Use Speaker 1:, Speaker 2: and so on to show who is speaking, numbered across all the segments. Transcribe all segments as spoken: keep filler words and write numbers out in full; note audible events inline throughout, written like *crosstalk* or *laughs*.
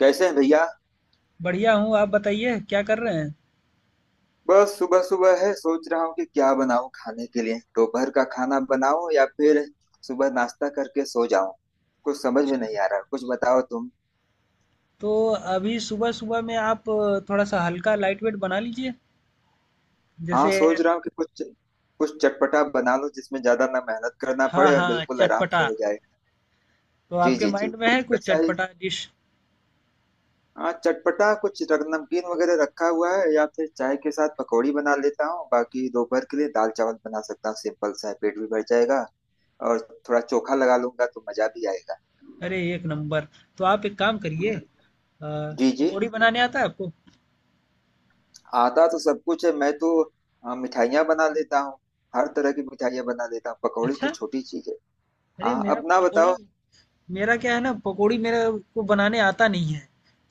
Speaker 1: कैसे हैं भैया।
Speaker 2: बढ़िया हूँ, आप बताइए क्या कर रहे हैं?
Speaker 1: बस सुबह सुबह है, सोच रहा हूँ कि क्या बनाऊं खाने के लिए। दोपहर का खाना बनाऊं या फिर सुबह नाश्ता करके सो जाऊं। कुछ समझ में
Speaker 2: अच्छा,
Speaker 1: नहीं आ रहा, कुछ बताओ तुम।
Speaker 2: तो अभी सुबह-सुबह में आप थोड़ा-सा हल्का लाइट वेट बना लीजिए,
Speaker 1: हाँ,
Speaker 2: जैसे
Speaker 1: सोच रहा हूँ कि कुछ कुछ चटपटा बना लो जिसमें ज्यादा ना मेहनत करना
Speaker 2: हाँ,
Speaker 1: पड़े और
Speaker 2: हाँ,
Speaker 1: बिल्कुल आराम से
Speaker 2: चटपटा।
Speaker 1: हो जाए।
Speaker 2: तो
Speaker 1: जी
Speaker 2: आपके
Speaker 1: जी जी,
Speaker 2: माइंड में है
Speaker 1: कुछ
Speaker 2: कुछ
Speaker 1: वैसा ही।
Speaker 2: चटपटा डिश?
Speaker 1: हाँ चटपटा, कुछ रग- नमकीन वगैरह रखा हुआ है या फिर चाय के साथ पकौड़ी बना लेता हूँ। बाकी दोपहर के लिए दाल चावल बना सकता हूँ, सिंपल सा है, पेट भी भर जाएगा। और थोड़ा चोखा लगा लूंगा तो मजा भी आएगा।
Speaker 2: अरे एक नंबर। तो आप एक काम करिए अ,
Speaker 1: जी जी।
Speaker 2: पकौड़ी बनाने आता है आपको?
Speaker 1: आता तो सब कुछ है। मैं तो अ, मिठाइयाँ बना लेता हूँ। हर तरह की मिठाइयाँ बना लेता हूँ, पकौड़े तो
Speaker 2: अच्छा,
Speaker 1: छोटी चीज है।
Speaker 2: अरे
Speaker 1: हाँ,
Speaker 2: मेरा
Speaker 1: अपना
Speaker 2: पकौड़ी
Speaker 1: बताओ।
Speaker 2: मेरा क्या है ना पकौड़ी मेरे को बनाने आता नहीं है।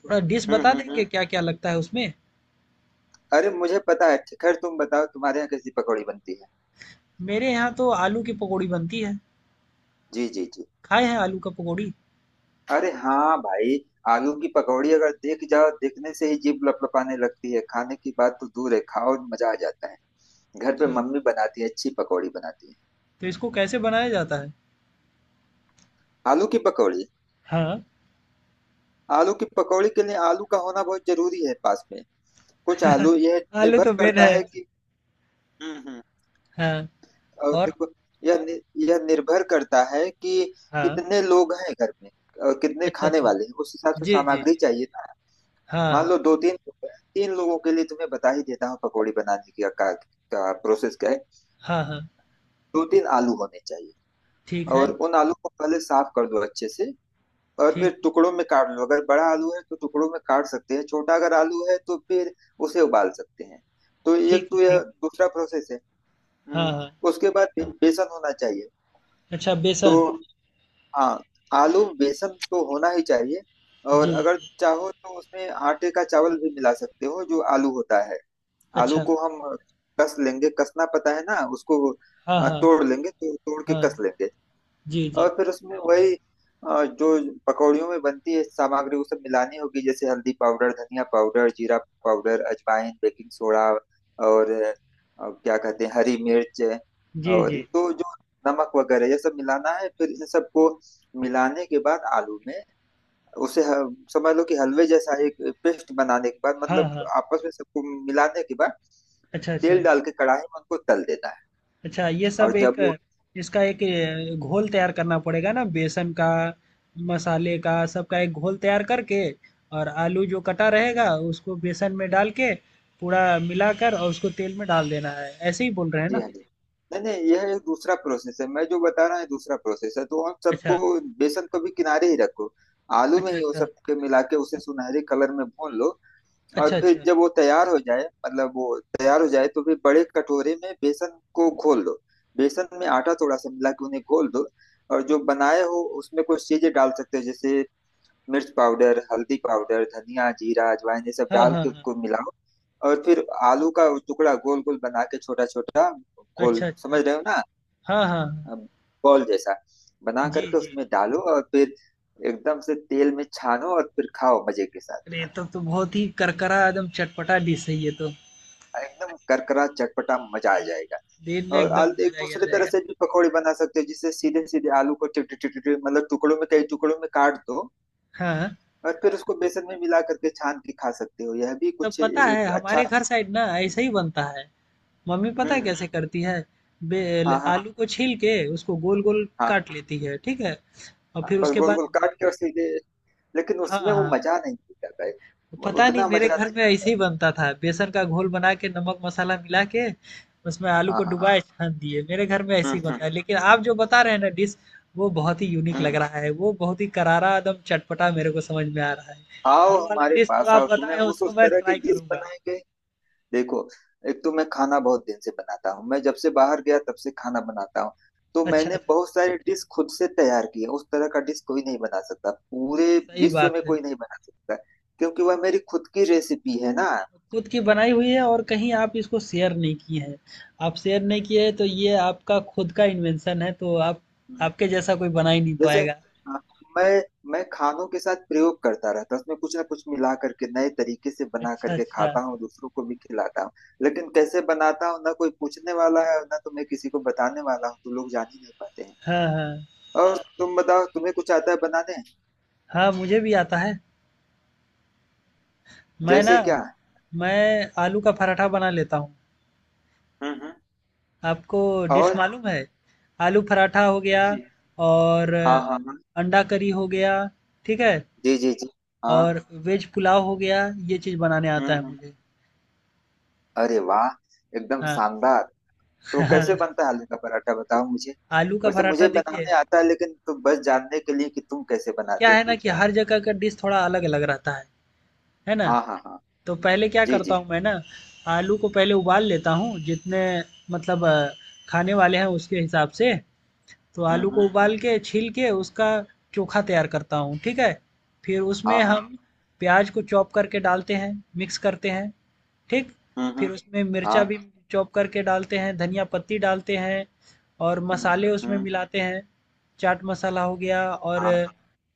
Speaker 2: थोड़ा डिश
Speaker 1: हम्म
Speaker 2: बता
Speaker 1: हम्म हम्म।
Speaker 2: देंगे क्या-क्या लगता है उसमें?
Speaker 1: अरे मुझे पता है, खैर तुम बताओ तुम्हारे यहाँ कैसी पकौड़ी बनती है।
Speaker 2: मेरे यहाँ तो आलू की पकौड़ी बनती है।
Speaker 1: जी जी जी।
Speaker 2: खाए हैं आलू का पकौड़ी?
Speaker 1: अरे हाँ भाई, आलू की पकौड़ी अगर देख जाओ, देखने से ही जीभ लपलपाने लगती है, खाने की बात तो दूर है। खाओ और मजा आ जाता है। घर पे
Speaker 2: अच्छा।
Speaker 1: मम्मी बनाती है, अच्छी पकौड़ी बनाती है।
Speaker 2: तो इसको कैसे बनाया जाता है?
Speaker 1: आलू की पकौड़ी।
Speaker 2: हाँ,
Speaker 1: आलू की पकौड़ी के लिए आलू का होना बहुत जरूरी है पास में। कुछ आलू, यह
Speaker 2: आलू
Speaker 1: निर्भर
Speaker 2: तो मेन
Speaker 1: करता
Speaker 2: है।
Speaker 1: है कि, हम्म हम्म,
Speaker 2: हाँ,
Speaker 1: और
Speaker 2: और?
Speaker 1: देखो, यह नि- यह निर्भर करता है कि
Speaker 2: हाँ।
Speaker 1: कितने लोग हैं घर में और कितने
Speaker 2: अच्छा,
Speaker 1: खाने
Speaker 2: अच्छा।
Speaker 1: वाले हैं, उस हिसाब से
Speaker 2: जी, जी,
Speaker 1: सामग्री
Speaker 2: जी।
Speaker 1: चाहिए ना।
Speaker 2: हाँ,
Speaker 1: मान लो
Speaker 2: हाँ।
Speaker 1: दो तीन लोग हैं। तीन लोगों के लिए तुम्हें बता ही देता हूँ पकौड़ी बनाने की का, का प्रोसेस क्या है।
Speaker 2: हाँ, हाँ।
Speaker 1: दो तीन आलू होने चाहिए,
Speaker 2: ठीक है,
Speaker 1: और उन आलू को पहले साफ कर दो अच्छे से, और
Speaker 2: ठीक
Speaker 1: फिर
Speaker 2: है।
Speaker 1: टुकड़ों में काट लो। अगर बड़ा आलू है तो टुकड़ों में काट सकते हैं, छोटा अगर आलू है तो फिर उसे उबाल सकते हैं। तो एक
Speaker 2: ठीक है,
Speaker 1: तो यह
Speaker 2: ठीक।
Speaker 1: दूसरा प्रोसेस है।
Speaker 2: हाँ,
Speaker 1: हम्म।
Speaker 2: हाँ।
Speaker 1: उसके बाद बे- बेसन होना चाहिए।
Speaker 2: अच्छा
Speaker 1: तो
Speaker 2: बेसन।
Speaker 1: हाँ, आलू में बेसन तो होना ही चाहिए।
Speaker 2: जी,
Speaker 1: और
Speaker 2: जी।
Speaker 1: अगर चाहो तो उसमें आटे का चावल भी मिला सकते हो। जो आलू होता है, आलू
Speaker 2: अच्छा।
Speaker 1: को हम कस लेंगे, कसना पता है ना उसको,
Speaker 2: हाँ,
Speaker 1: अ,
Speaker 2: हाँ।
Speaker 1: तोड़ लेंगे, तो तोड़ के कस
Speaker 2: हाँ।
Speaker 1: लेंगे।
Speaker 2: जी,
Speaker 1: और
Speaker 2: जी।
Speaker 1: फिर उसमें वही अ, जो पकौड़ियों में बनती है सामग्री वो सब मिलानी होगी, जैसे हल्दी पाउडर, धनिया पाउडर, जीरा पाउडर, अजवाइन, बेकिंग सोडा, और अ, क्या कहते हैं, हरी मिर्च
Speaker 2: जी,
Speaker 1: और
Speaker 2: जी।
Speaker 1: तो जो नमक वगैरह, ये सब मिलाना है। फिर इन सबको मिलाने के बाद आलू में उसे ह- समझ लो कि हलवे जैसा एक पेस्ट बनाने के बाद,
Speaker 2: हाँ,
Speaker 1: मतलब
Speaker 2: हाँ।
Speaker 1: आपस में सबको मिलाने के बाद
Speaker 2: अच्छा,
Speaker 1: तेल
Speaker 2: अच्छा।
Speaker 1: डाल के कढ़ाई में उनको तल देना है।
Speaker 2: अच्छा ये सब
Speaker 1: और
Speaker 2: एक
Speaker 1: जब वो,
Speaker 2: इसका एक अ, घोल तैयार करना पड़ेगा ना बेसन का मसाले का सबका एक घोल तैयार करके और आलू जो कटा रहेगा उसको बेसन में डाल के पूरा मिलाकर और उसको तेल में डाल देना है ऐसे ही बोल रहे हैं
Speaker 1: जी
Speaker 2: ना।
Speaker 1: हाँ जी, नहीं नहीं, यह एक दूसरा प्रोसेस है। मैं जो बता रहा है दूसरा प्रोसेस है तो आप सबको
Speaker 2: अच्छा
Speaker 1: बेसन को भी किनारे ही रखो। आलू में
Speaker 2: अच्छा।
Speaker 1: ही वो
Speaker 2: अच्छा
Speaker 1: सब के मिला के उसे सुनहरे कलर में भून लो।
Speaker 2: अच्छा
Speaker 1: और फिर
Speaker 2: अच्छा।
Speaker 1: जब वो तैयार हो जाए, मतलब वो तैयार हो जाए, तो फिर बड़े कटोरे में बेसन को घोल लो। बेसन में आटा थोड़ा सा मिला के उन्हें घोल दो। और जो बनाए हो उसमें कुछ चीजें डाल सकते हो, जैसे मिर्च पाउडर, हल्दी पाउडर, धनिया, जीरा, अजवाइन, ये सब
Speaker 2: हाँ
Speaker 1: डाल
Speaker 2: हाँ
Speaker 1: के
Speaker 2: हाँ।
Speaker 1: उसको मिलाओ। और फिर आलू का वो टुकड़ा गोल गोल बना के, छोटा छोटा गोल,
Speaker 2: अच्छा अच्छा।
Speaker 1: समझ रहे हो ना,
Speaker 2: हाँ हाँ हाँ।
Speaker 1: बॉल जैसा बना
Speaker 2: जी
Speaker 1: करके
Speaker 2: जी।
Speaker 1: उसमें डालो। और फिर एकदम से तेल में छानो और फिर खाओ मजे के साथ।
Speaker 2: अरे तब तो तो बहुत ही करकरा एकदम चटपटा डिश है ये तो।
Speaker 1: एकदम करकरा चटपटा, मजा आ जाएगा।
Speaker 2: दिन में
Speaker 1: और
Speaker 2: एकदम
Speaker 1: आलू एक
Speaker 2: मजा ही आ
Speaker 1: दूसरे तरह
Speaker 2: जाएगा।
Speaker 1: से भी पकौड़े बना सकते हो, जिससे सीधे सीधे आलू को टिट टिट टिट मतलब टुकड़ों में, कई टुकड़ों में काट दो।
Speaker 2: हाँ हाँ।
Speaker 1: और फिर उसको बेसन में मिला करके छान के खा सकते हो। यह भी
Speaker 2: तब
Speaker 1: कुछ
Speaker 2: पता है
Speaker 1: एक अच्छा।
Speaker 2: हमारे घर साइड ना ऐसे ही बनता है। मम्मी पता है
Speaker 1: हम्म।
Speaker 2: कैसे करती है। बे-
Speaker 1: हाँ हाँ
Speaker 2: आलू को छील के उसको गोल गोल
Speaker 1: हाँ।
Speaker 2: काट लेती है, ठीक है? और
Speaker 1: हाँ,
Speaker 2: फिर
Speaker 1: बस
Speaker 2: उसके
Speaker 1: गोल
Speaker 2: बाद
Speaker 1: गोल काट के, और सीधे, लेकिन
Speaker 2: हाँ
Speaker 1: उसमें वो
Speaker 2: हाँ
Speaker 1: मजा नहीं दिखता भाई। वो
Speaker 2: पता नहीं
Speaker 1: उतना
Speaker 2: मेरे
Speaker 1: मजा
Speaker 2: घर
Speaker 1: नहीं
Speaker 2: में ऐसे
Speaker 1: दिखता।
Speaker 2: ही बनता था। बेसन का घोल बना के नमक मसाला मिला के उसमें आलू
Speaker 1: हाँ
Speaker 2: को
Speaker 1: हाँ हाँ।
Speaker 2: डुबाए छान दिए, मेरे घर में
Speaker 1: हम्म
Speaker 2: ऐसे ही बनता
Speaker 1: हम्म
Speaker 2: है। लेकिन आप जो बता रहे हैं ना डिश, वो बहुत ही यूनिक लग
Speaker 1: हम्म।
Speaker 2: रहा है। वो बहुत ही करारा एकदम चटपटा मेरे को समझ में आ रहा है।
Speaker 1: आओ
Speaker 2: वो वाला
Speaker 1: हमारे
Speaker 2: डिश जो
Speaker 1: पास
Speaker 2: आप
Speaker 1: आओ,
Speaker 2: बताए
Speaker 1: तुम्हें
Speaker 2: हैं
Speaker 1: उस
Speaker 2: उसको
Speaker 1: उस
Speaker 2: मैं
Speaker 1: तरह की
Speaker 2: ट्राई
Speaker 1: डिश
Speaker 2: करूंगा।
Speaker 1: बनाएंगे। देखो, एक तो मैं खाना बहुत दिन से बनाता हूँ, मैं जब से बाहर गया तब से खाना बनाता हूँ। तो
Speaker 2: अच्छा
Speaker 1: मैंने
Speaker 2: अच्छा।
Speaker 1: बहुत सारी डिश खुद से तैयार की है। उस तरह का डिश कोई नहीं बना सकता, पूरे
Speaker 2: सही
Speaker 1: विश्व
Speaker 2: बात
Speaker 1: में
Speaker 2: है।
Speaker 1: कोई नहीं बना सकता, क्योंकि वह मेरी खुद की रेसिपी है ना।
Speaker 2: खुद की बनाई हुई है और कहीं आप इसको शेयर नहीं किए हैं। आप शेयर नहीं किए हैं तो ये आपका खुद का इन्वेंशन है तो आप आपके जैसा कोई बना ही नहीं
Speaker 1: जैसे,
Speaker 2: पाएगा।
Speaker 1: अ, मैं मैं खानों के साथ प्रयोग करता रहता हूँ, उसमें कुछ ना कुछ मिला करके नए तरीके से बना
Speaker 2: अच्छा,
Speaker 1: करके
Speaker 2: अच्छा।
Speaker 1: खाता हूँ, दूसरों को भी खिलाता हूँ। लेकिन कैसे बनाता हूँ ना कोई पूछने वाला है ना तो मैं किसी को बताने वाला हूँ, तो लोग जान ही नहीं पाते हैं।
Speaker 2: हाँ, हाँ।
Speaker 1: और तुम बताओ, तुम्हें कुछ आता है बनाने?
Speaker 2: हाँ, मुझे भी आता है। मैं ना
Speaker 1: जैसे क्या?
Speaker 2: मैं आलू का पराठा बना लेता हूँ।
Speaker 1: हम्म हम्म।
Speaker 2: आपको डिश
Speaker 1: और,
Speaker 2: मालूम है? आलू पराठा हो गया
Speaker 1: जी जी।
Speaker 2: और
Speaker 1: हाँ हाँ हाँ।
Speaker 2: अंडा करी हो गया, ठीक है?
Speaker 1: जी जी जी। हाँ।
Speaker 2: और वेज पुलाव हो गया, ये चीज़ बनाने
Speaker 1: हम्म
Speaker 2: आता है
Speaker 1: हम्म।
Speaker 2: मुझे।
Speaker 1: अरे वाह, एकदम
Speaker 2: हाँ,
Speaker 1: शानदार। तो कैसे बनता है आलू का पराठा, बताओ मुझे।
Speaker 2: आलू का
Speaker 1: वैसे
Speaker 2: पराठा
Speaker 1: मुझे
Speaker 2: देखिए
Speaker 1: बनाने आता है, लेकिन तो बस जानने के लिए कि तुम कैसे
Speaker 2: क्या
Speaker 1: बनाते हो
Speaker 2: है ना
Speaker 1: पूछ
Speaker 2: कि
Speaker 1: रहा हूँ।
Speaker 2: हर जगह का डिश थोड़ा अलग-अलग रहता है, है ना?
Speaker 1: हाँ हाँ हाँ।
Speaker 2: तो पहले क्या
Speaker 1: जी
Speaker 2: करता
Speaker 1: जी।
Speaker 2: हूँ मैं ना, आलू को पहले उबाल लेता हूँ, जितने मतलब खाने वाले हैं उसके हिसाब से। तो
Speaker 1: हम्म
Speaker 2: आलू
Speaker 1: हम्म।
Speaker 2: को उबाल के छील के उसका चोखा तैयार करता हूँ, ठीक है? फिर उसमें
Speaker 1: हाँ हाँ।
Speaker 2: हम प्याज को चॉप करके डालते हैं, मिक्स करते हैं, ठीक।
Speaker 1: हम्म
Speaker 2: फिर
Speaker 1: हम्म।
Speaker 2: उसमें मिर्चा
Speaker 1: हाँ।
Speaker 2: भी चॉप करके डालते हैं, धनिया पत्ती डालते हैं और
Speaker 1: हम्म
Speaker 2: मसाले
Speaker 1: हम्म
Speaker 2: उसमें
Speaker 1: हम्म।
Speaker 2: मिलाते हैं। चाट मसाला हो गया और
Speaker 1: हाँ।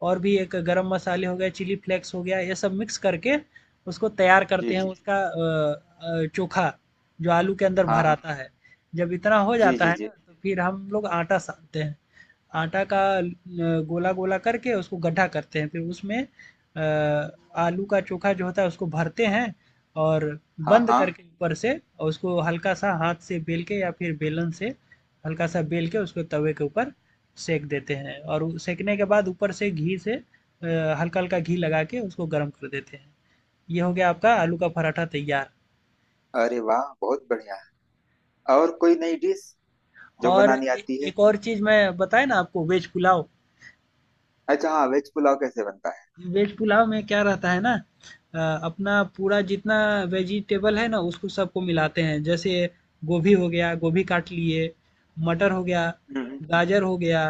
Speaker 2: और भी एक गरम मसाले हो गया, चिली फ्लेक्स हो गया, ये सब मिक्स करके उसको तैयार
Speaker 1: जी
Speaker 2: करते हैं
Speaker 1: जी।
Speaker 2: उसका अ, अ, चोखा जो आलू के अंदर
Speaker 1: हाँ
Speaker 2: भर
Speaker 1: हाँ।
Speaker 2: आता है। जब इतना हो
Speaker 1: जी
Speaker 2: जाता
Speaker 1: जी
Speaker 2: है ना
Speaker 1: जी।
Speaker 2: तो फिर हम लोग आटा सानते हैं। आटा का गोला गोला करके उसको गड्ढा करते हैं, फिर उसमें अ, आलू का चोखा जो होता है उसको भरते हैं और
Speaker 1: हाँ
Speaker 2: बंद
Speaker 1: हाँ।
Speaker 2: करके ऊपर से और उसको हल्का सा हाथ से बेल के या फिर बेलन से हल्का सा बेल के उसको तवे के ऊपर सेक देते हैं और उ- सेकने के बाद ऊपर से घी से अ, हल्का हल्का घी लगा के उसको गर्म कर देते हैं। ये हो गया आपका आलू का पराठा तैयार।
Speaker 1: अरे वाह बहुत बढ़िया। और कोई नई डिश जो
Speaker 2: और
Speaker 1: बनानी
Speaker 2: ए
Speaker 1: आती है?
Speaker 2: एक और चीज़ मैं बताया ना आपको वेज पुलाव।
Speaker 1: अच्छा हाँ, वेज पुलाव कैसे बनता है?
Speaker 2: वेज पुलाव में क्या रहता है ना अ, अपना पूरा जितना वेजिटेबल है ना उसको सबको मिलाते हैं। जैसे गोभी हो गया, गोभी काट लिए, मटर हो गया,
Speaker 1: हम्म हम्म।
Speaker 2: गाजर हो गया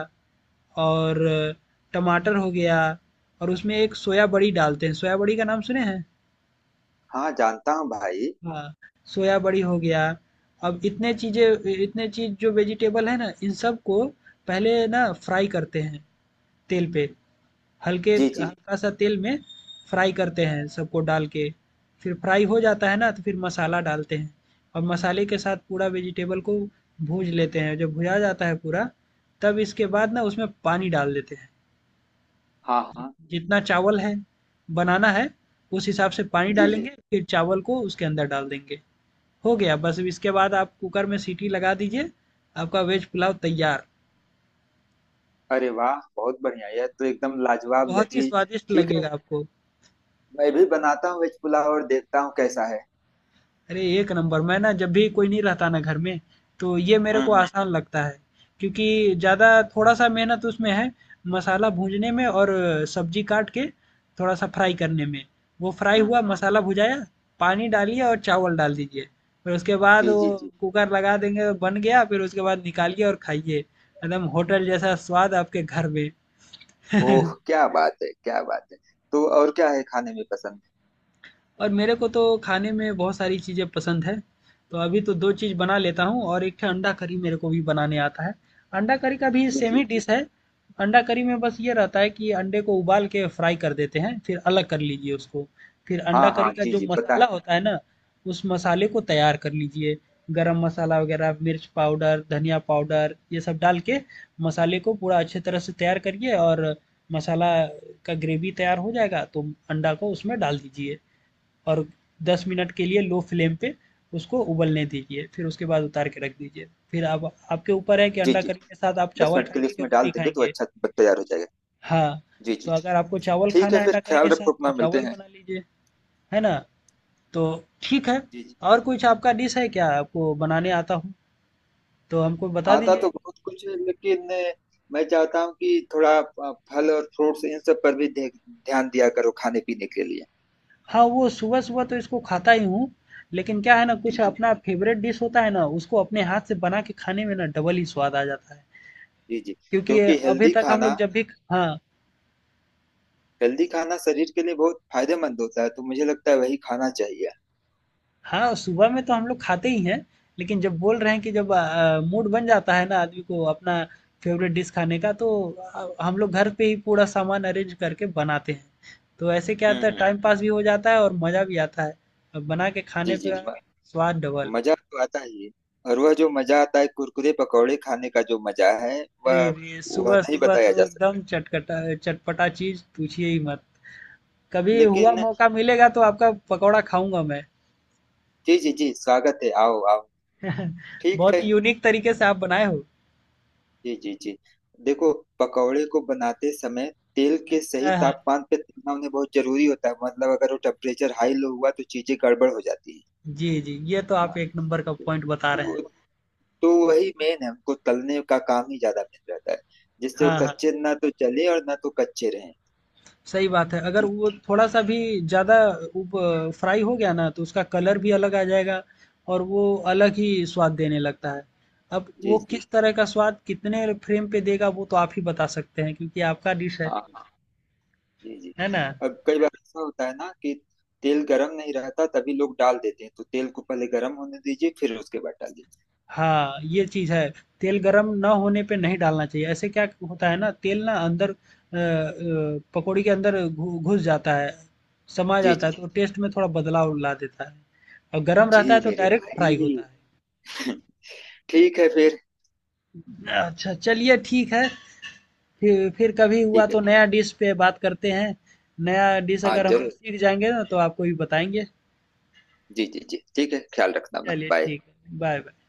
Speaker 2: और टमाटर हो गया और उसमें एक सोया बड़ी डालते हैं। सोया बड़ी का नाम सुने हैं?
Speaker 1: हाँ जानता हूँ भाई।
Speaker 2: हाँ, सोया बड़ी हो गया। अब इतने चीज़ें इतने चीज़ जो वेजिटेबल है ना इन सबको पहले ना फ्राई करते हैं तेल पे। हल्के
Speaker 1: जी जी।
Speaker 2: हल्का-सा तेल में फ्राई करते हैं सबको डाल के। फिर फ्राई हो जाता है ना तो फिर मसाला डालते हैं और मसाले के साथ पूरा वेजिटेबल को भूँज लेते हैं। जब भुजा जाता है पूरा, तब इसके बाद ना उसमें पानी डाल देते हैं।
Speaker 1: हाँ हाँ।
Speaker 2: जितना चावल है बनाना है, उस हिसाब से पानी
Speaker 1: जी जी।
Speaker 2: डालेंगे, फिर चावल को उसके अंदर डाल देंगे। हो गया, बस अब इसके बाद आप कुकर में सीटी लगा दीजिए, आपका वेज पुलाव तैयार
Speaker 1: अरे वाह बहुत बढ़िया, यह तो एकदम
Speaker 2: और
Speaker 1: लाजवाब
Speaker 2: बहुत ही
Speaker 1: लजीज।
Speaker 2: स्वादिष्ट
Speaker 1: ठीक
Speaker 2: लगेगा
Speaker 1: है,
Speaker 2: आपको।
Speaker 1: मैं भी बनाता हूँ वेज पुलाव और देखता हूँ कैसा है।
Speaker 2: अरे एक नंबर, मैं ना जब भी कोई नहीं रहता ना घर में तो ये मेरे
Speaker 1: हम्म
Speaker 2: को
Speaker 1: हम्म।
Speaker 2: आसान लगता है क्योंकि ज़्यादा थोड़ा सा मेहनत उसमें है, मसाला भूनने में और सब्जी काट के थोड़ा सा फ्राई करने में। वो फ्राई हुआ,
Speaker 1: हम्म हम्म।
Speaker 2: मसाला भुजाया, पानी डालिए और चावल डाल दीजिए, फिर उसके बाद
Speaker 1: जी
Speaker 2: वो
Speaker 1: जी जी।
Speaker 2: कुकर लगा देंगे, बन गया। फिर उसके बाद निकालिए और खाइए, एकदम होटल जैसा स्वाद आपके घर में।
Speaker 1: ओह क्या बात है, क्या बात है। तो और क्या है खाने में पसंद?
Speaker 2: और मेरे को तो खाने में बहुत सारी चीज़ें पसंद है। तो अभी तो दो चीज़ बना लेता हूँ और एक ठे अंडा करी मेरे को भी बनाने आता है। अंडा करी का भी
Speaker 1: जी
Speaker 2: सेम
Speaker 1: जी
Speaker 2: ही
Speaker 1: जी।
Speaker 2: डिश है। अंडा करी में बस ये रहता है कि अंडे को उबाल के फ्राई कर देते हैं, फिर अलग कर लीजिए उसको। फिर अंडा
Speaker 1: हाँ
Speaker 2: करी
Speaker 1: हाँ
Speaker 2: का
Speaker 1: जी
Speaker 2: जो
Speaker 1: जी, पता
Speaker 2: मसाला
Speaker 1: है।
Speaker 2: होता है ना, उस मसाले को तैयार कर लीजिए। गरम मसाला वगैरह, मिर्च पाउडर, धनिया पाउडर ये सब डाल के मसाले को पूरा अच्छी तरह से तैयार करिए और मसाला का ग्रेवी तैयार हो जाएगा तो अंडा को उसमें डाल दीजिए। और दस मिनट के लिए लो फ्लेम पे उसको उबलने दीजिए, फिर उसके बाद उतार के रख दीजिए। फिर आप आपके ऊपर है कि
Speaker 1: जी
Speaker 2: अंडा
Speaker 1: जी।
Speaker 2: करी के साथ आप
Speaker 1: दस
Speaker 2: चावल
Speaker 1: मिनट के लिए
Speaker 2: खाएँगे कि
Speaker 1: इसमें डाल
Speaker 2: रोटी
Speaker 1: देंगे तो
Speaker 2: खाएँगे?
Speaker 1: अच्छा तैयार हो जाएगा।
Speaker 2: हाँ,
Speaker 1: जी जी
Speaker 2: तो
Speaker 1: जी।
Speaker 2: अगर आपको चावल
Speaker 1: ठीक
Speaker 2: खाना
Speaker 1: है
Speaker 2: है अंडा
Speaker 1: फिर,
Speaker 2: करी
Speaker 1: ख्याल
Speaker 2: के साथ
Speaker 1: रखो
Speaker 2: तो
Speaker 1: अपना, मिलते
Speaker 2: चावल
Speaker 1: हैं।
Speaker 2: बना लीजिए, है ना? तो ठीक है,
Speaker 1: जी जी।
Speaker 2: और कुछ आपका डिश है क्या आपको बनाने आता हो, तो हमको बता
Speaker 1: आता तो
Speaker 2: दीजिए।
Speaker 1: बहुत कुछ है, लेकिन मैं चाहता हूँ कि थोड़ा अ, फल और फ्रूट्स इन सब पर भी ध्य- ध्यान दिया करो खाने पीने के लिए।
Speaker 2: हाँ, वो सुबह-सुबह तो इसको खाता ही हूँ, लेकिन क्या है ना
Speaker 1: जी
Speaker 2: कुछ
Speaker 1: जी।
Speaker 2: अपना फ़ेवरेट डिश होता है ना, उसको अपने हाथ से बना
Speaker 1: हम्म।
Speaker 2: के खाने में ना डबल ही स्वाद आ जाता है।
Speaker 1: जी जी।
Speaker 2: क्योंकि
Speaker 1: क्योंकि
Speaker 2: अभी
Speaker 1: हेल्दी
Speaker 2: तक हम लोग
Speaker 1: खाना,
Speaker 2: जब भी ख हाँ।
Speaker 1: हेल्दी खाना शरीर के लिए बहुत फायदेमंद होता है, तो मुझे लगता है वही खाना चाहिए।
Speaker 2: हाँ, सुबह में तो हम लोग खाते ही हैं, लेकिन जब बोल रहे हैं कि जब अ, मूड बन जाता है ना आदमी को अपना फेवरेट डिश खाने का तो अ, हम लोग घर पे ही पूरा सामान अरेंज करके बनाते हैं। तो ऐसे क्या
Speaker 1: हम्म
Speaker 2: होता है,
Speaker 1: हम्म।
Speaker 2: टाइम पास भी हो जाता है और मज़ा भी आता है। अब बना के खाने
Speaker 1: जी जी
Speaker 2: का
Speaker 1: म,
Speaker 2: स्वाद डबल।
Speaker 1: मजा तो आता ही है। और वह जो मजा आता है कुरकुरे पकौड़े खाने का जो मजा है,
Speaker 2: अरे
Speaker 1: वह
Speaker 2: रे!
Speaker 1: वह नहीं
Speaker 2: सुबह-सुबह तो
Speaker 1: बताया जा सकता।
Speaker 2: एकदम चटकटा चटपटा चीज़ पूछिए ही मत। कभी हुआ
Speaker 1: लेकिन,
Speaker 2: मौका मिलेगा तो आपका पकौड़ा खाऊँगा मैं।
Speaker 1: जी जी जी, स्वागत है, आओ आओ। ठीक
Speaker 2: बहुत
Speaker 1: है।
Speaker 2: ही यूनिक तरीके से आप बनाए हो।
Speaker 1: जी जी जी। देखो, पकौड़े को बनाते समय तेल के सही
Speaker 2: हाँ, हाँ।
Speaker 1: तापमान पे तलना उन्हें बहुत जरूरी होता है। मतलब अगर वो टेम्परेचर हाई लो हुआ तो चीजें गड़बड़ हो जाती
Speaker 2: जी, जी। ये तो
Speaker 1: है।
Speaker 2: आप
Speaker 1: हाँ,
Speaker 2: एक नंबर का पॉइंट बता रहे हैं।
Speaker 1: तो तो वही मेन है, हमको तलने का काम ही ज्यादा मेन रहता है, जिससे वो
Speaker 2: हाँ, हाँ।
Speaker 1: कच्चे ना तो जले और ना तो कच्चे रहें।
Speaker 2: सही बात है। अगर
Speaker 1: ठीक
Speaker 2: वो
Speaker 1: है?
Speaker 2: थोड़ा-सा भी ज़्यादा उब फ्राई हो गया ना, तो उसका कलर भी अलग आ जाएगा और वो अलग ही स्वाद देने लगता है। अब
Speaker 1: जी
Speaker 2: वो
Speaker 1: जी।
Speaker 2: किस तरह का स्वाद कितने फ्लेम पे देगा वो तो आप ही बता सकते हैं क्योंकि आपका डिश है।
Speaker 1: हाँ। जी जी।
Speaker 2: है ना?
Speaker 1: अब कई बार ऐसा होता है ना कि तेल गरम नहीं रहता, तभी लोग डाल देते हैं। तो तेल को पहले गरम होने दीजिए फिर उसके बाद डालिए।
Speaker 2: हाँ, ये चीज़ है। तेल गरम ना होने पे नहीं डालना चाहिए। ऐसे क्या होता है ना तेल ना अंदर अ अ, पकौड़ी के अंदर घु घुस जाता है, समा
Speaker 1: जी
Speaker 2: जाता
Speaker 1: जी।
Speaker 2: है तो टेस्ट में थोड़ा बदलाव ला देता है। और गरम रहता है
Speaker 1: जी
Speaker 2: तो
Speaker 1: मेरे
Speaker 2: डायरेक्ट फ्राई
Speaker 1: भाई।
Speaker 2: होता है।
Speaker 1: *laughs* ठीक है फिर।
Speaker 2: अच्छा चलिए ठीक है। फिर फिर कभी हुआ
Speaker 1: ठीक है।
Speaker 2: तो नया डिश पे बात करते हैं। नया डिश
Speaker 1: हाँ
Speaker 2: अगर हम लोग
Speaker 1: जरूर।
Speaker 2: सीख जाएँगे ना तो आपको भी बताएँगे।
Speaker 1: जी जी जी, ठीक है, ख्याल रखना अपना,
Speaker 2: चलिए
Speaker 1: बाय।
Speaker 2: ठीक है। बाय-बाय।